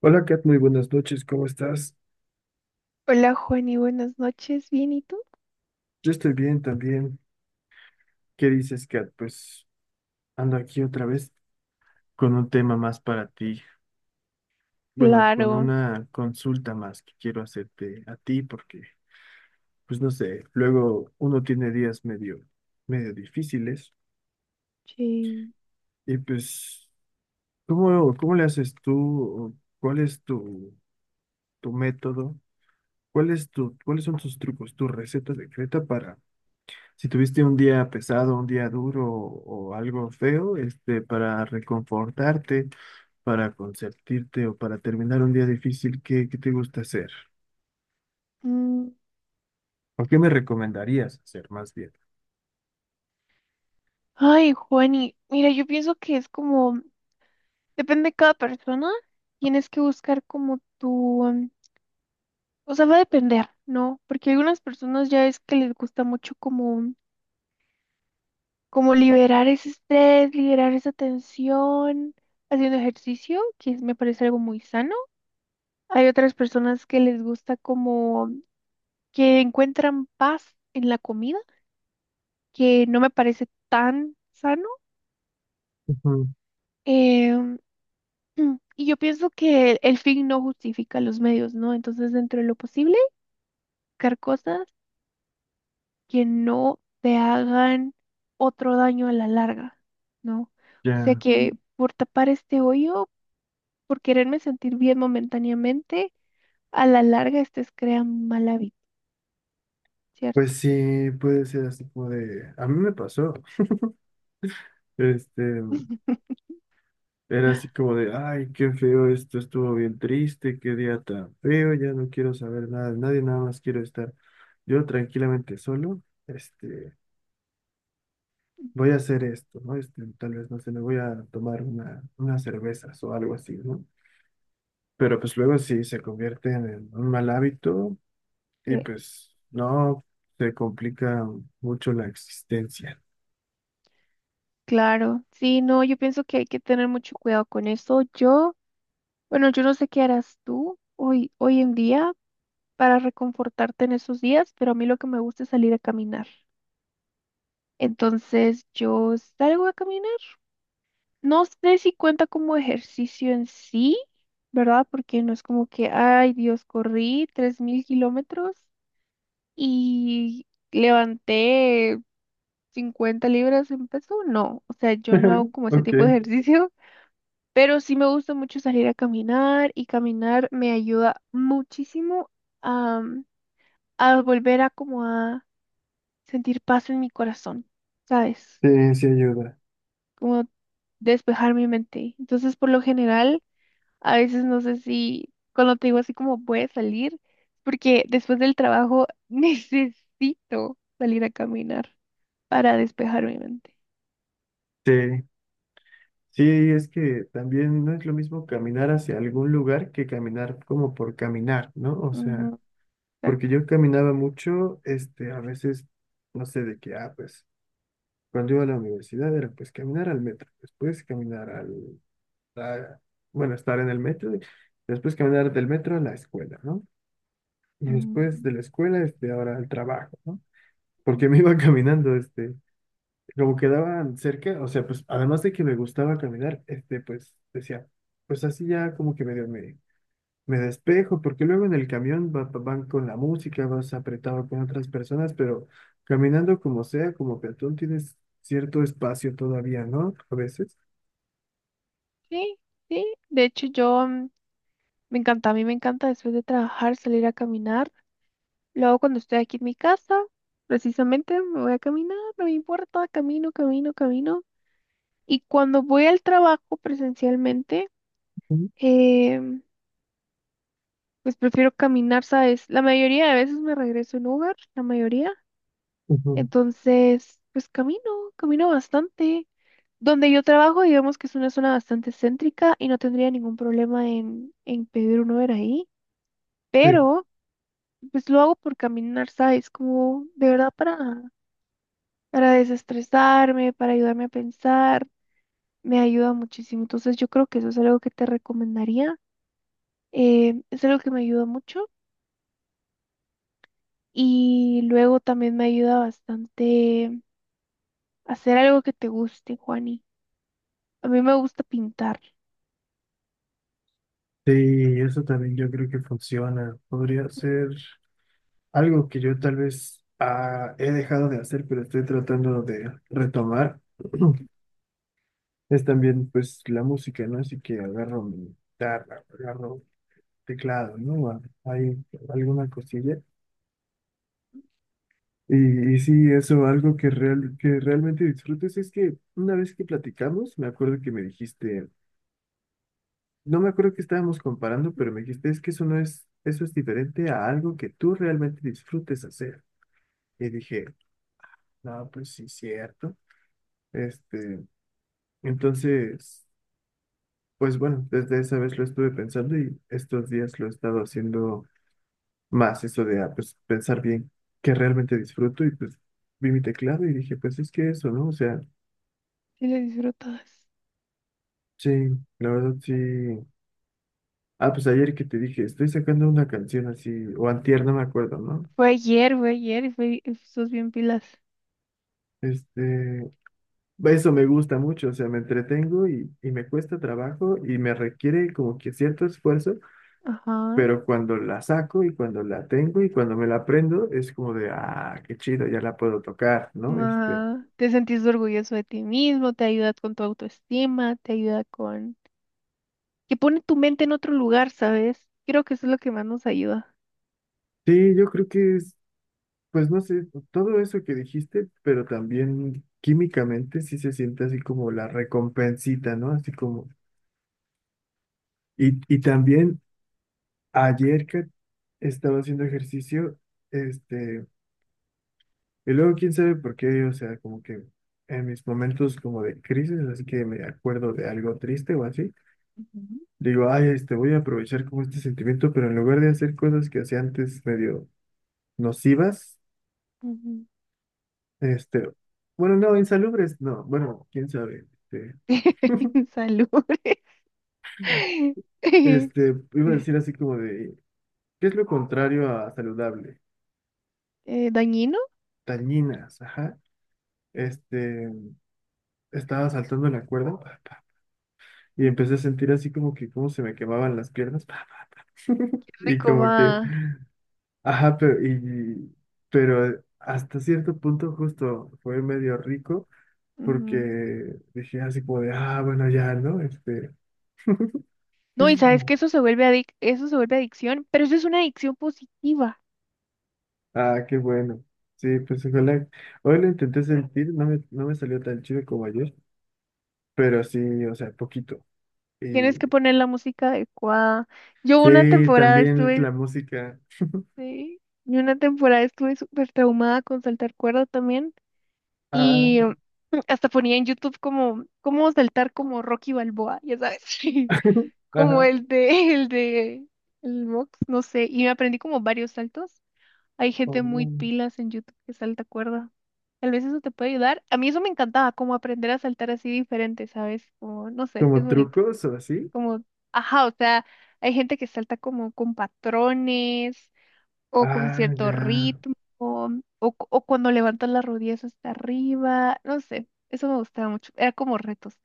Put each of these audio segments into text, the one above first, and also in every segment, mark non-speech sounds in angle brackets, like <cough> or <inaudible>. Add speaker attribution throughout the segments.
Speaker 1: Hola Kat, muy buenas noches, ¿cómo estás?
Speaker 2: Hola, Juani, buenas noches. ¿Bien y tú?
Speaker 1: Yo estoy bien también. ¿Qué dices, Kat? Pues ando aquí otra vez con un tema más para ti. Bueno, con
Speaker 2: Claro,
Speaker 1: una consulta más que quiero hacerte a ti porque, pues no sé, luego uno tiene días medio difíciles
Speaker 2: sí.
Speaker 1: y pues, ¿cómo le haces tú? ¿Cuál es tu método? ¿Cuál es cuáles son tus trucos? ¿Tu receta secreta para... Si tuviste un día pesado, un día duro o algo feo, para reconfortarte, para consentirte o para terminar un día difícil, ¿qué te gusta hacer?
Speaker 2: Mm,
Speaker 1: ¿O qué me recomendarías hacer más bien?
Speaker 2: ay, Juani, mira, yo pienso que es como, depende de cada persona, tienes que buscar como tu, o sea, va a depender, ¿no? Porque algunas personas ya es que les gusta mucho como, como liberar ese estrés, liberar esa tensión, haciendo ejercicio, me parece algo muy sano. Hay otras personas que les gusta como que encuentran paz en la comida que no me parece tan sano.
Speaker 1: Ujú.
Speaker 2: em, <clears throat> y yo pienso que el fin no justifica los medios, ¿no? Entonces, dentro de lo posible, buscar cosas que no te hagan otro daño a la larga, ¿no? O sea
Speaker 1: Ya.
Speaker 2: que, por tapar este hoyo, por quererme sentir bien momentáneamente, a la larga estés crean mal hábito, ¿cierto?
Speaker 1: Pues sí, puede ser así como de, a mí me pasó, este, era así como de, ay, qué feo esto, estuvo bien triste, qué día tan feo, ya no quiero saber nada de nadie, nada más quiero estar yo tranquilamente solo, este,
Speaker 2: Mm.
Speaker 1: voy a hacer esto, ¿no? Tal vez, no sé, me voy a tomar unas cervezas o algo así, ¿no? Pero pues luego sí se convierten en un mal hábito y
Speaker 2: Eh,
Speaker 1: pues no se complica mucho la existencia.
Speaker 2: claro, sí, no, yo pienso que hay que tener mucho cuidado con eso. Yo, bueno, yo no sé qué harás tú hoy, hoy en día para reconfortarte en esos días, pero a mí lo que me gusta es salir a caminar. Entonces, yo salgo a caminar. No sé si cuenta como ejercicio en sí, ¿verdad? Porque no es como que, ay, Dios, corrí 3.000 kilómetros y levanté 50 libras en peso. No, o sea, yo no hago
Speaker 1: <laughs>
Speaker 2: como ese
Speaker 1: Ok.
Speaker 2: tipo de ejercicio. Pero sí me gusta mucho salir a caminar, y caminar me ayuda muchísimo a, a volver a como a sentir paz en mi corazón, ¿sabes?
Speaker 1: Sí, sí ayuda.
Speaker 2: Como despejar mi mente. Entonces, por lo general, a veces no sé si cuando te digo así como voy a salir, porque después del trabajo <laughs> necesito salir a caminar para despejar mi mente.
Speaker 1: Sí, sí, es que también no es lo mismo caminar hacia algún lugar que caminar como por caminar, ¿no? O sea,
Speaker 2: Ujú,
Speaker 1: porque
Speaker 2: exacto.
Speaker 1: yo caminaba mucho, a veces, no sé de qué, pues. Cuando iba a la universidad era pues caminar al metro, después a- bueno, estar en el metro, y después caminar del metro a la escuela, ¿no? Y después
Speaker 2: Mm,
Speaker 1: de la escuela, ahora al trabajo, ¿no?
Speaker 2: mm.
Speaker 1: Porque me iba <laughs> caminando, como quedaban cerca, o sea, pues además de que me gustaba caminar, pues decía, pues así ya como que medio me despejo, porque luego en el camión van con la música, vas apretado con otras personas, pero caminando como sea, como peatón, tienes cierto espacio todavía, ¿no? A veces.
Speaker 2: Sí, sí. De hecho, yo... me encanta, a mí me encanta después de trabajar salir a caminar. Luego cuando estoy aquí en mi casa, precisamente me voy a caminar, no me importa, camino, camino, camino. Y cuando voy al trabajo presencialmente,
Speaker 1: Ujú,
Speaker 2: em, pues prefiero caminar, ¿sabes? La mayoría de veces me regreso en Uber, la mayoría.
Speaker 1: ujú.
Speaker 2: Entonces, pues camino, camino bastante. Donde yo trabajo, digamos que es una zona bastante céntrica y no tendría ningún problema en pedir un Uber ahí.
Speaker 1: Sí.
Speaker 2: Pero... pues lo hago por caminar, ¿sabes? Como de verdad para desestresarme, para ayudarme a pensar, me ayuda muchísimo. Entonces yo creo que eso es algo que te recomendaría. Es algo que me ayuda mucho y luego también me ayuda bastante hacer algo que te guste, Juani. A mí me gusta pintar
Speaker 1: Sí, eso también yo creo que funciona. Podría ser algo que yo tal vez he dejado de hacer, pero estoy tratando de retomar. <clears throat> Es también pues la música, ¿no? Así que agarro mi guitarra, agarro teclado, ¿no? Hay alguna cosilla. Y sí, eso, algo que, realmente disfrutes es que una vez que platicamos, me acuerdo que me dijiste, no me acuerdo que estábamos comparando, pero me dijiste, es que eso no es, eso es diferente a algo que tú realmente disfrutes hacer. Y dije, no, pues sí, cierto. Este, entonces, pues bueno, desde esa vez lo estuve pensando y estos días lo he estado haciendo más, eso de pues, pensar bien qué realmente disfruto y pues vi mi teclado y dije, pues es que eso, ¿no? O sea...
Speaker 2: y lo disfrutas.
Speaker 1: Sí, la verdad sí. Ah, pues ayer que te dije, estoy sacando una canción así, o antier, no me acuerdo, ¿no?
Speaker 2: Fue ayer y fue, y sos bien pilas.
Speaker 1: Este, eso me gusta mucho, o sea, me entretengo y me cuesta trabajo y me requiere como que cierto esfuerzo,
Speaker 2: Ajá.
Speaker 1: pero cuando la saco y cuando la tengo y cuando me la aprendo, es como de, ah, qué chido, ya la puedo tocar, ¿no?
Speaker 2: Ajá. Te sentís orgulloso de ti mismo, te ayuda con tu autoestima, te ayuda con que pone tu mente en otro lugar, ¿sabes? Creo que eso es lo que más nos ayuda.
Speaker 1: Sí, yo creo que es, pues no sé, todo eso que dijiste, pero también químicamente sí se siente así como la recompensita, ¿no? Así como... Y también ayer que estaba haciendo ejercicio, este, y luego quién sabe por qué, o sea, como que en mis momentos como de crisis, así que me acuerdo de algo triste o así,
Speaker 2: Ujú.
Speaker 1: digo, ay, voy a aprovechar como este sentimiento, pero en lugar de hacer cosas que hacía antes medio nocivas,
Speaker 2: Ujú.
Speaker 1: este, bueno, no, insalubres, no, bueno, quién sabe, este,
Speaker 2: <laughs> Salud. <laughs>
Speaker 1: iba a decir así como de, ¿qué es lo contrario a saludable?
Speaker 2: Dañino.
Speaker 1: Tañinas, ajá. Este, estaba saltando la cuerda, pa, pa, <laughs> y
Speaker 2: Ujú.
Speaker 1: empecé a sentir así como que cómo se me quemaban las piernas, pa, pa, y
Speaker 2: Rico
Speaker 1: como que,
Speaker 2: va.
Speaker 1: ajá, pero hasta cierto punto justo fue medio rico porque
Speaker 2: Ujú.
Speaker 1: dije así como de, ah, bueno, ya, ¿no? Este,
Speaker 2: No, y sabes que eso se vuelve eso se vuelve adicción, pero eso es una adicción positiva.
Speaker 1: ah, qué bueno. Sí, pues ojalá. Hoy lo intenté sentir, no me salió tan chido como ayer, pero sí, o sea, poquito. Y
Speaker 2: Tienes que poner la música adecuada. Yo una
Speaker 1: sí,
Speaker 2: temporada
Speaker 1: también
Speaker 2: estuve,
Speaker 1: la música.
Speaker 2: sí, yo una temporada estuve súper traumada con saltar cuerda también.
Speaker 1: Ah,
Speaker 2: Y hasta ponía en YouTube como cómo saltar como Rocky Balboa, ya sabes, <laughs>
Speaker 1: <laughs>
Speaker 2: como
Speaker 1: ajá.
Speaker 2: el de el Mox, no sé, y me aprendí como varios saltos. Hay gente muy pilas en YouTube que salta cuerda. Tal vez eso te puede ayudar. A mí eso me encantaba, como aprender a saltar así diferente, ¿sabes? Como, no sé, es
Speaker 1: ¿Como
Speaker 2: bonito.
Speaker 1: trucos o así?
Speaker 2: Como, ajá, o sea, hay gente que salta como con patrones, o con
Speaker 1: Ah,
Speaker 2: cierto
Speaker 1: ya.
Speaker 2: ritmo, o, o cuando levantas las rodillas hasta arriba, no sé, eso me gustaba mucho, era como retos.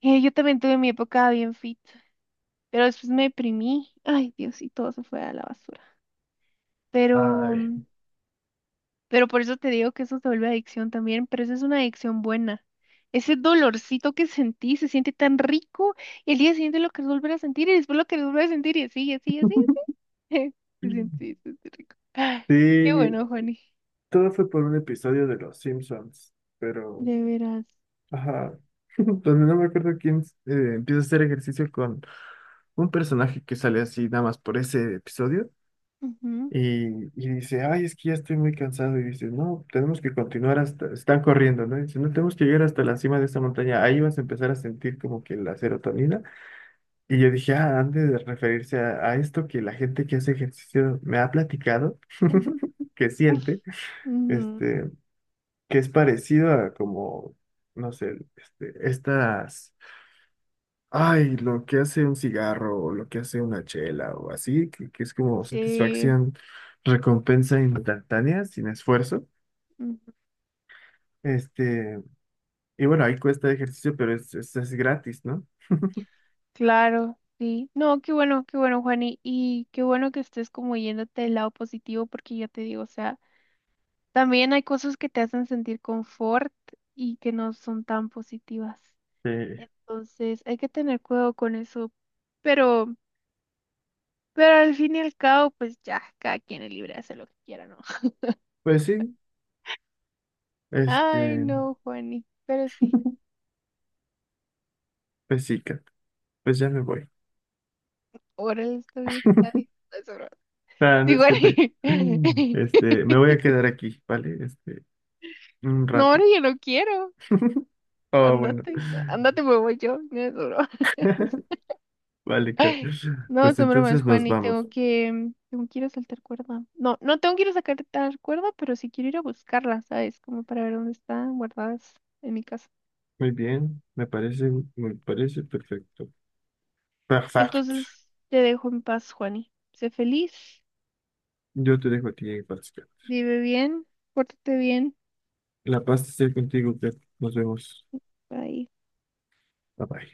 Speaker 2: Yo también tuve mi época bien fit, pero después me deprimí, ay Dios, y todo se fue a la basura. Pero,
Speaker 1: Ay.
Speaker 2: pero por eso te digo que eso se vuelve adicción también, pero eso es una adicción buena. Ese dolorcito que sentí se siente tan rico y el día siguiente lo querés volver a sentir y después lo querés volver a sentir y así, y así, y así. <laughs> Se siente rico. Ay, qué
Speaker 1: Sí,
Speaker 2: bueno, Juani.
Speaker 1: todo fue por un episodio de Los Simpsons, pero,
Speaker 2: De veras.
Speaker 1: ajá, <laughs> donde no me acuerdo quién empieza a hacer ejercicio con un personaje que sale así nada más por ese episodio
Speaker 2: Ujú,
Speaker 1: y, y dice, ay, es que ya estoy muy cansado y dice, no, tenemos que continuar hasta, están corriendo, ¿no? Y dice, no, tenemos que llegar hasta la cima de esta montaña, ahí vas a empezar a sentir como que la serotonina. Y yo dije, ah, han de referirse a esto que la gente que hace ejercicio me ha platicado,
Speaker 2: ujú,
Speaker 1: <laughs> que siente,
Speaker 2: ujú.
Speaker 1: este, que es parecido a como, no sé, ay, lo que hace un cigarro o lo que hace una chela o así, que es como
Speaker 2: Sí,
Speaker 1: satisfacción, recompensa instantánea, sin esfuerzo.
Speaker 2: ujú,
Speaker 1: Este, y bueno, ahí cuesta ejercicio, pero es gratis, ¿no?
Speaker 2: claro, sí. No, qué bueno, Juani. Y qué bueno que estés como yéndote del lado positivo, porque ya te digo, o sea, también hay cosas que te hacen sentir confort y que no son tan positivas.
Speaker 1: Eh,
Speaker 2: Entonces, hay que tener cuidado con eso. Pero, pero al fin y al cabo, pues ya, cada quien es libre de hacer lo que quiera, ¿no? <laughs>
Speaker 1: pues sí,
Speaker 2: Ay,
Speaker 1: este,
Speaker 2: no, Juani. Pero sí,
Speaker 1: pues sí, Kat, pues ya me voy.
Speaker 2: órale, está bien. Está bien. Eso, no.
Speaker 1: Ah, no
Speaker 2: Sí,
Speaker 1: es cierto. <laughs>
Speaker 2: Juani. <laughs>
Speaker 1: Me voy a quedar aquí, ¿vale? Un
Speaker 2: No,
Speaker 1: rato.
Speaker 2: ahora yo no quiero.
Speaker 1: Oh, bueno.
Speaker 2: Andate, andate,
Speaker 1: <laughs>
Speaker 2: me voy yo. No, es broma. <laughs>
Speaker 1: Vale, Kat.
Speaker 2: No,
Speaker 1: Pues
Speaker 2: son bromas,
Speaker 1: entonces nos
Speaker 2: Juan, y
Speaker 1: vamos.
Speaker 2: tengo que ir a saltar cuerda. No, no tengo que ir a sacar tal cuerda, pero sí quiero ir a buscarla, ¿sabes? Como para ver dónde están guardadas en mi casa.
Speaker 1: Muy bien, me parece perfecto. Perfecto.
Speaker 2: Entonces, te dejo en paz, Juani. Sé feliz,
Speaker 1: Yo te dejo a ti, Pascal.
Speaker 2: vive bien, pórtate bien.
Speaker 1: La paz esté contigo, Kat. Nos vemos.
Speaker 2: Bye.
Speaker 1: Bye bye.